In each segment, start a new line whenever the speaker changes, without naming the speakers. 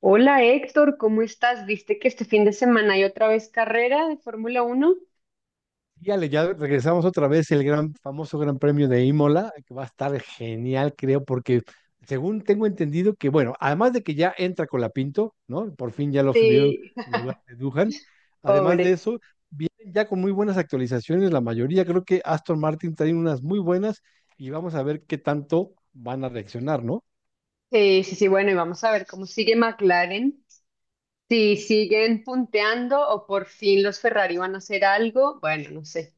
Hola Héctor, ¿cómo estás? ¿Viste que este fin de semana hay otra vez carrera de Fórmula Uno?
Y Ale, ya regresamos otra vez el gran famoso Gran Premio de Imola, que va a estar genial, creo, porque según tengo entendido bueno, además de que ya entra Colapinto, ¿no? Por fin ya lo subieron
Sí,
en lugar de Duhan. Además de
pobre.
eso, vienen ya con muy buenas actualizaciones, la mayoría. Creo que Aston Martin trae unas muy buenas y vamos a ver qué tanto van a reaccionar, ¿no?
Sí, sí, sí, bueno, y vamos a ver cómo sigue McLaren. Si siguen punteando o por fin los Ferrari van a hacer algo, bueno, no sé.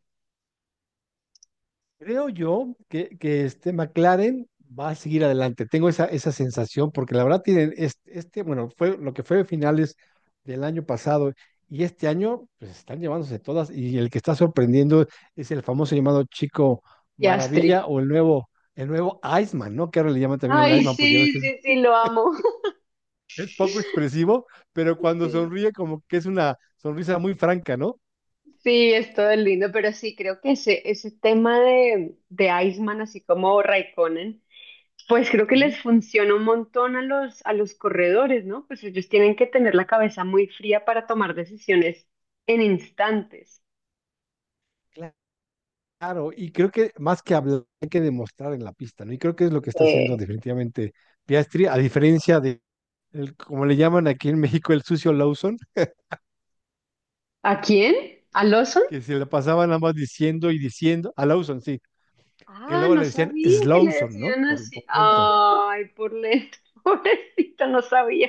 Creo yo que este McLaren va a seguir adelante. Tengo esa sensación porque la verdad tienen bueno, fue lo que fue finales del año pasado y este año pues están llevándose todas, y el que está sorprendiendo es el famoso llamado Chico
Piastri.
Maravilla o el nuevo Iceman, ¿no? Que ahora le llaman también el
Ay,
Iceman porque ya ves
sí,
que es,
sí, sí, lo amo.
es poco expresivo, pero cuando
Sí,
sonríe como que es una sonrisa muy franca, ¿no?
sí, es todo lindo, pero sí, creo que ese tema de Iceman, así como Raikkonen. Pues creo que
Ujú.
les funciona un montón a los corredores, ¿no? Pues ellos tienen que tener la cabeza muy fría para tomar decisiones en instantes.
Claro, y creo que más que hablar, hay que demostrar en la pista, ¿no? Y creo que es lo que está haciendo
Eh,
definitivamente Piastri, a diferencia de, como le llaman aquí en México, el sucio Lawson,
¿A quién? ¿A Lawson?
que se le pasaban nada más diciendo y diciendo, a Lawson, sí, que
Ah,
luego
no
le decían
sabía que le
Slawson, ¿no?
decían así. Ay, por lento, pobrecito, no sabía.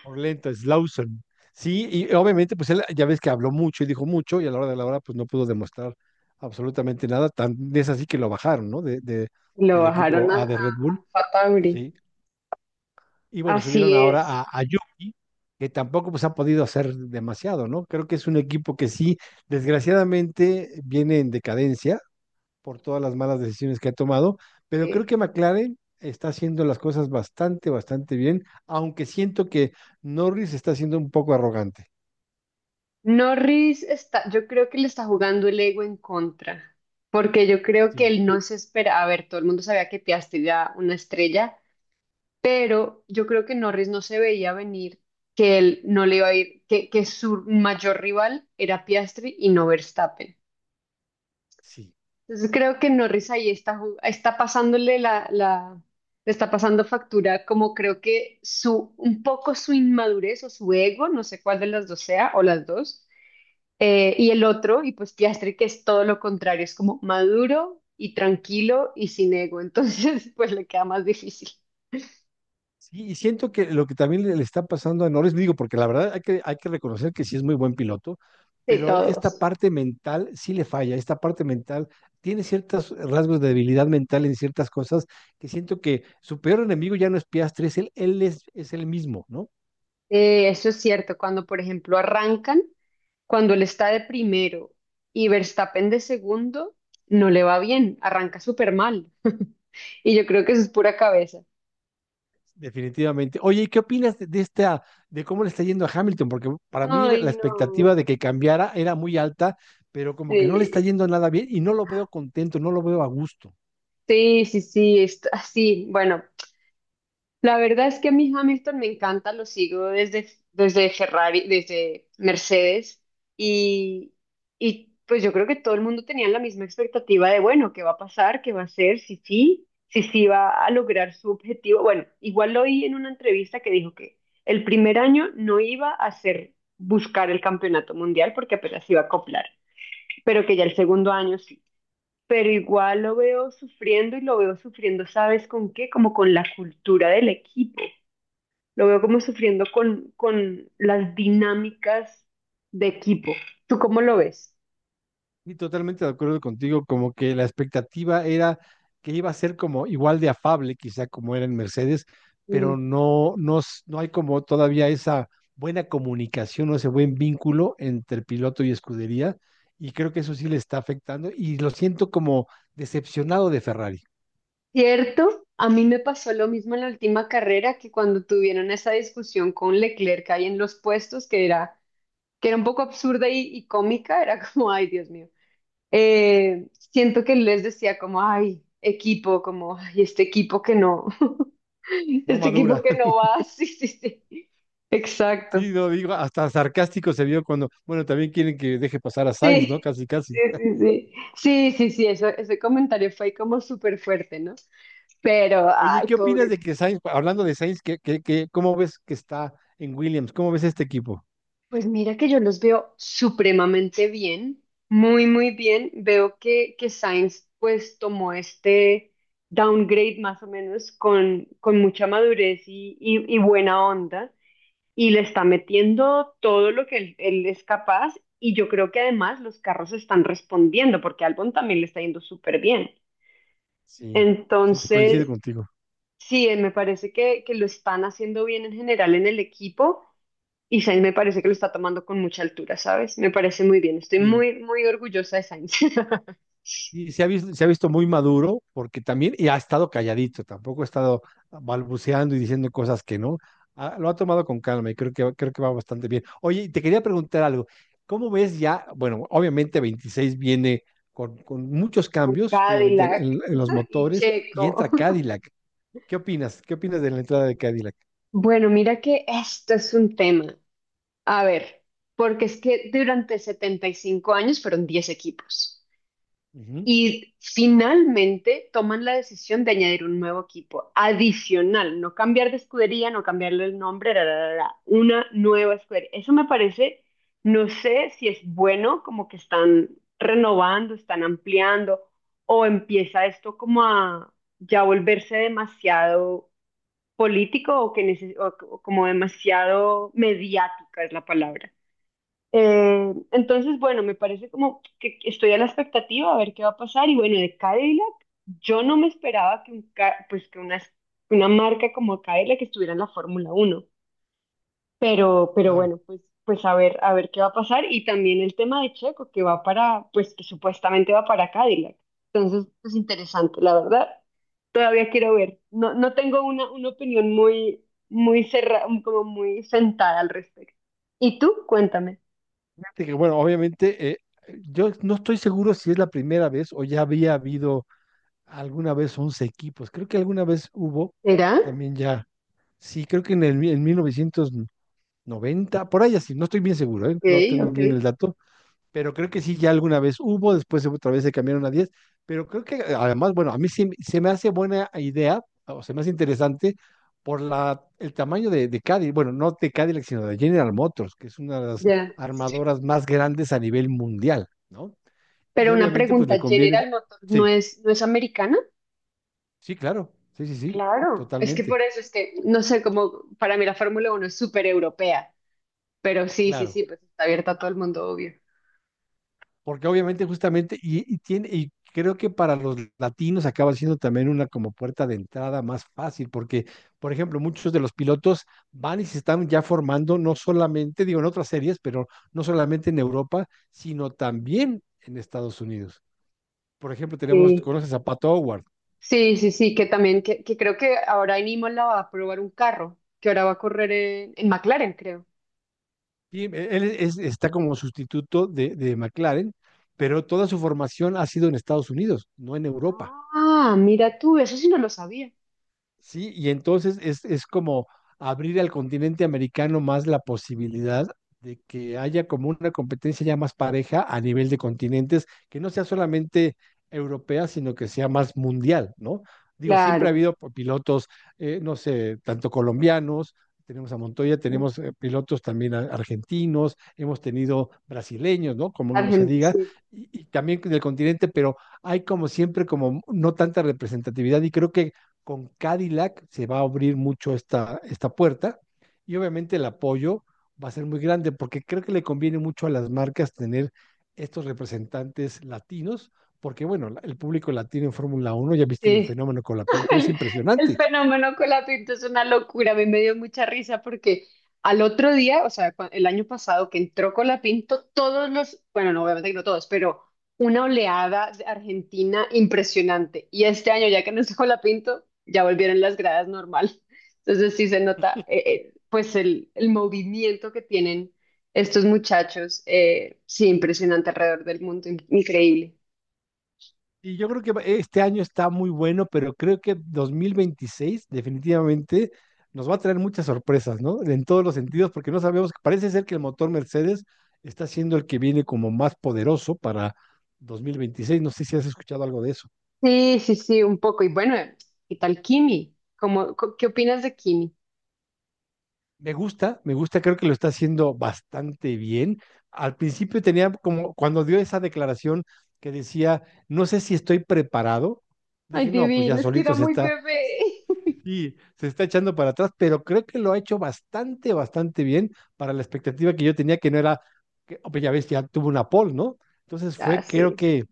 Por lento, Slawson. Sí, y obviamente, pues él ya ves que habló mucho y dijo mucho, y a la hora de la hora, pues no pudo demostrar absolutamente nada, tan es así que lo bajaron, ¿no?
Lo
Del
bajaron
equipo
a,
A de Red
a,
Bull,
a Fatauri.
sí. Y bueno, subieron
Así
ahora
es.
a Yuki, que tampoco pues, han podido hacer demasiado, ¿no? Creo que es un equipo que sí, desgraciadamente, viene en decadencia por todas las malas decisiones que ha tomado, pero creo
Sí.
que McLaren está haciendo las cosas bastante bien, aunque siento que Norris está siendo un poco arrogante.
Norris está, yo creo que le está jugando el ego en contra, porque yo creo que
Sí,
él no se espera, a ver, todo el mundo sabía que Piastri era una estrella, pero yo creo que Norris no se veía venir que él no le iba a ir, que su mayor rival era Piastri y no Verstappen.
sí.
Entonces creo que Norris ahí está, está pasándole le está pasando factura, como creo que su, un poco su inmadurez o su ego, no sé cuál de las dos sea, o las dos. Y el otro, y pues Piastri, que es todo lo contrario, es como maduro y tranquilo y sin ego. Entonces, pues le queda más difícil
Sí, y siento que lo que también le está pasando a Norris, digo, porque la verdad hay que reconocer que sí es muy buen piloto,
de
pero esta
todos.
parte mental sí le falla, esta parte mental tiene ciertos rasgos de debilidad mental en ciertas cosas que siento que su peor enemigo ya no es Piastri, es él mismo, ¿no?
Eso es cierto, cuando por ejemplo arrancan, cuando él está de primero y Verstappen de segundo, no le va bien, arranca súper mal. Y yo creo que eso es pura cabeza.
Definitivamente. Oye, ¿y qué opinas de esta, de cómo le está yendo a Hamilton? Porque para mí la
Ay, no.
expectativa de que cambiara era muy alta, pero como que no le está
Sí,
yendo nada bien y no lo veo contento, no lo veo a gusto.
sí, sí, sí, está así. Bueno, la verdad es que a mí Hamilton me encanta, lo sigo desde Ferrari, desde Mercedes y, y pues yo creo que todo el mundo tenía la misma expectativa de, bueno, ¿qué va a pasar? ¿Qué va a hacer? Si sí, si sí va a lograr su objetivo. Bueno, igual lo oí en una entrevista que dijo que el primer año no iba a hacer buscar el campeonato mundial porque apenas iba a acoplar, pero que ya el segundo año sí. Pero igual lo veo sufriendo y lo veo sufriendo, ¿sabes con qué? Como con la cultura del equipo. Lo veo como sufriendo con las dinámicas de equipo. ¿Tú cómo lo ves?
Y totalmente de acuerdo contigo, como que la expectativa era que iba a ser como igual de afable, quizá como era en Mercedes,
Mm.
pero no hay como todavía esa buena comunicación o ese buen vínculo entre piloto y escudería, y creo que eso sí le está afectando, y lo siento como decepcionado de Ferrari,
Cierto, a mí me pasó lo mismo en la última carrera que cuando tuvieron esa discusión con Leclerc ahí en los puestos, que era un poco absurda y cómica, era como, ay, Dios mío. Siento que les decía como, ay, equipo, como, ay, este equipo que no,
no
este equipo
madura.
que no va, sí, sí, sí. Exacto.
Sí, no digo, hasta sarcástico se vio cuando, bueno, también quieren que deje pasar a Sainz, ¿no?
Sí,
Casi, casi.
sí, sí, sí. Sí, sí, sí, eso, ese comentario fue como súper fuerte, ¿no? Pero,
Oye,
ay,
¿qué opinas
pobre.
de que Sainz, hablando de Sainz, cómo ves que está en Williams? ¿Cómo ves este equipo?
Pues mira que yo los veo supremamente bien, muy, muy bien. Veo que Sainz pues tomó este downgrade más o menos con mucha madurez y buena onda y le está metiendo todo lo que él es capaz y yo creo que además los carros están respondiendo porque Albon también le está yendo súper bien.
Sí, sí, te coincido
Entonces,
contigo.
sí, me parece que lo están haciendo bien en general en el equipo y Sainz me parece que lo está tomando con mucha altura, ¿sabes? Me parece muy bien. Estoy
Sí,
muy, muy orgullosa de Sainz.
y se ha visto muy maduro porque también y ha estado calladito, tampoco ha estado balbuceando y diciendo cosas que no. Ah, lo ha tomado con calma y creo que va bastante bien. Oye, y te quería preguntar algo. ¿Cómo ves ya? Bueno, obviamente 26 viene con muchos cambios, obviamente
Cadillac
en los
y
motores, y
Checo.
entra Cadillac. ¿Qué opinas? ¿Qué opinas de la entrada de Cadillac?
Bueno, mira que esto es un tema. A ver, porque es que durante 75 años fueron 10 equipos.
Ujú.
Y finalmente toman la decisión de añadir un nuevo equipo adicional, no cambiar de escudería, no cambiarle el nombre, ra, ra, ra, ra, una nueva escudería. Eso me parece, no sé si es bueno, como que están renovando, están ampliando, o empieza esto como a ya volverse demasiado político o que o como demasiado mediática es la palabra. Entonces, bueno, me parece como que estoy a la expectativa a ver qué va a pasar. Y bueno, de Cadillac, yo no me esperaba que, pues, una marca como Cadillac estuviera en la Fórmula Uno. Pero
Claro.
bueno, pues, pues a ver qué va a pasar. Y también el tema de Checo, que va para, pues que supuestamente va para Cadillac. Entonces, es interesante, la verdad. Todavía quiero ver. No, no tengo una opinión muy, muy cerrada, como muy sentada al respecto. ¿Y tú? Cuéntame.
Fíjate que, bueno, obviamente, yo no estoy seguro si es la primera vez o ya había habido alguna vez 11 equipos. Creo que alguna vez hubo
¿Será?
también ya. Sí, creo que en el mi- en 1990 por ahí así, no estoy bien seguro, ¿eh?
Ok,
No tengo
ok,
bien el dato, pero creo que sí, ya alguna vez hubo, después otra vez se cambiaron a 10, pero creo que además, bueno, a mí sí se me hace buena idea, o se me hace interesante por el tamaño de Cadillac, bueno, no de Cadillac, sino de General Motors, que es una de las
ya.
armadoras más grandes a nivel mundial, ¿no?
Pero
Y
una
obviamente, pues le
pregunta,
conviene,
General Motors no
sí,
es, no es americana.
sí, claro, sí, sí, sí,
Claro, es que por
totalmente,
eso es que, no sé, como para mí la Fórmula Uno es súper europea, pero sí, sí,
claro.
sí, pues está abierta a todo el mundo, obvio.
Porque obviamente justamente, y tiene, y creo que para los latinos acaba siendo también una como puerta de entrada más fácil, porque, por ejemplo, muchos de los pilotos van y se están ya formando, no solamente, digo, en otras series, pero no solamente en Europa, sino también en Estados Unidos. Por ejemplo, tenemos,
Sí.
conoces a Pato Howard,
Sí, sí, sí, que creo que ahora en Imola va a probar un carro, que ahora va a correr en McLaren, creo.
y está como sustituto de McLaren, pero toda su formación ha sido en Estados Unidos, no en Europa.
Ah, mira tú, eso sí no lo sabía.
Sí, y entonces es como abrir al continente americano más la posibilidad de que haya como una competencia ya más pareja a nivel de continentes, que no sea solamente europea, sino que sea más mundial, ¿no? Digo, siempre ha
Claro,
habido pilotos, no sé, tanto colombianos, tenemos a Montoya, tenemos pilotos también argentinos, hemos tenido brasileños, ¿no? Como no se diga,
Argentina.
y también del continente, pero hay como siempre como no tanta representatividad, y creo que con Cadillac se va a abrir mucho esta, esta puerta y obviamente el apoyo va a ser muy grande porque creo que le conviene mucho a las marcas tener estos representantes latinos, porque bueno, el público latino en Fórmula Uno, ya viste el
Sí.
fenómeno con la Pinto, es
El, el
impresionante.
fenómeno con la pinta es una locura, a mí me dio mucha risa porque al otro día, o sea, el año pasado que entró Colapinto, todos los, bueno, no, obviamente que no todos, pero una oleada de Argentina impresionante. Y este año, ya que no está Colapinto, ya volvieron las gradas normal. Entonces sí se nota, pues, el movimiento que tienen estos muchachos, sí, impresionante alrededor del mundo, increíble.
Y yo creo que este año está muy bueno, pero creo que 2026 definitivamente nos va a traer muchas sorpresas, ¿no? En todos los sentidos, porque no sabemos, parece ser que el motor Mercedes está siendo el que viene como más poderoso para 2026. No sé si has escuchado algo de eso.
Sí, sí, sí, un poco. Y bueno, ¿qué tal Kimi? ¿Qué opinas de Kimi?
Me gusta, creo que lo está haciendo bastante bien. Al principio tenía como, cuando dio esa declaración que decía, no sé si estoy preparado,
Ay,
dije, no, pues ya
divino, es que era
solito se
muy
está.
bebé.
Sí, se está echando para atrás, pero creo que lo ha hecho bastante, bastante bien para la expectativa que yo tenía, que no era, que, oh, pues ya ves, ya tuvo una pole, ¿no? Entonces
Ah,
fue, creo
sí,
que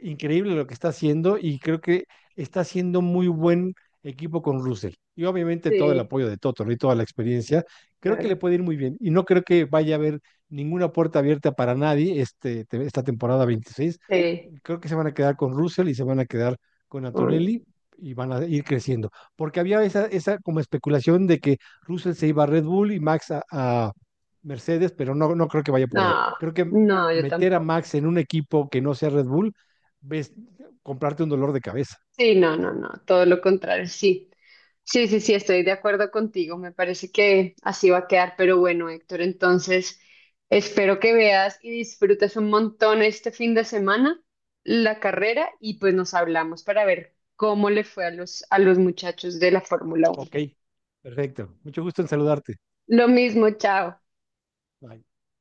increíble lo que está haciendo, y creo que está haciendo muy buen equipo con Russell. Y obviamente todo el
sí,
apoyo de Toto, ¿no? Y toda la experiencia, creo que
claro.
le puede ir muy bien. Y no creo que vaya a haber ninguna puerta abierta para nadie este, esta temporada 26,
Sí.
creo que se van a quedar con Russell y se van a quedar con
Mm.
Antonelli y van a ir creciendo. Porque había esa, esa como especulación de que Russell se iba a Red Bull y Max a Mercedes, pero no, no creo que vaya por ahí.
No,
Creo que
no, yo
meter a
tampoco.
Max en un equipo que no sea Red Bull, ves, comprarte un dolor de cabeza.
Sí, no, no, no, todo lo contrario, sí. Sí, sí, sí, estoy de acuerdo contigo, me parece que así va a quedar, pero bueno, Héctor, entonces espero que veas y disfrutes un montón este fin de semana la carrera y pues nos hablamos para ver cómo le fue a los muchachos de la Fórmula Uno.
Ok, perfecto. Mucho gusto en saludarte.
Lo mismo, chao.
Bye.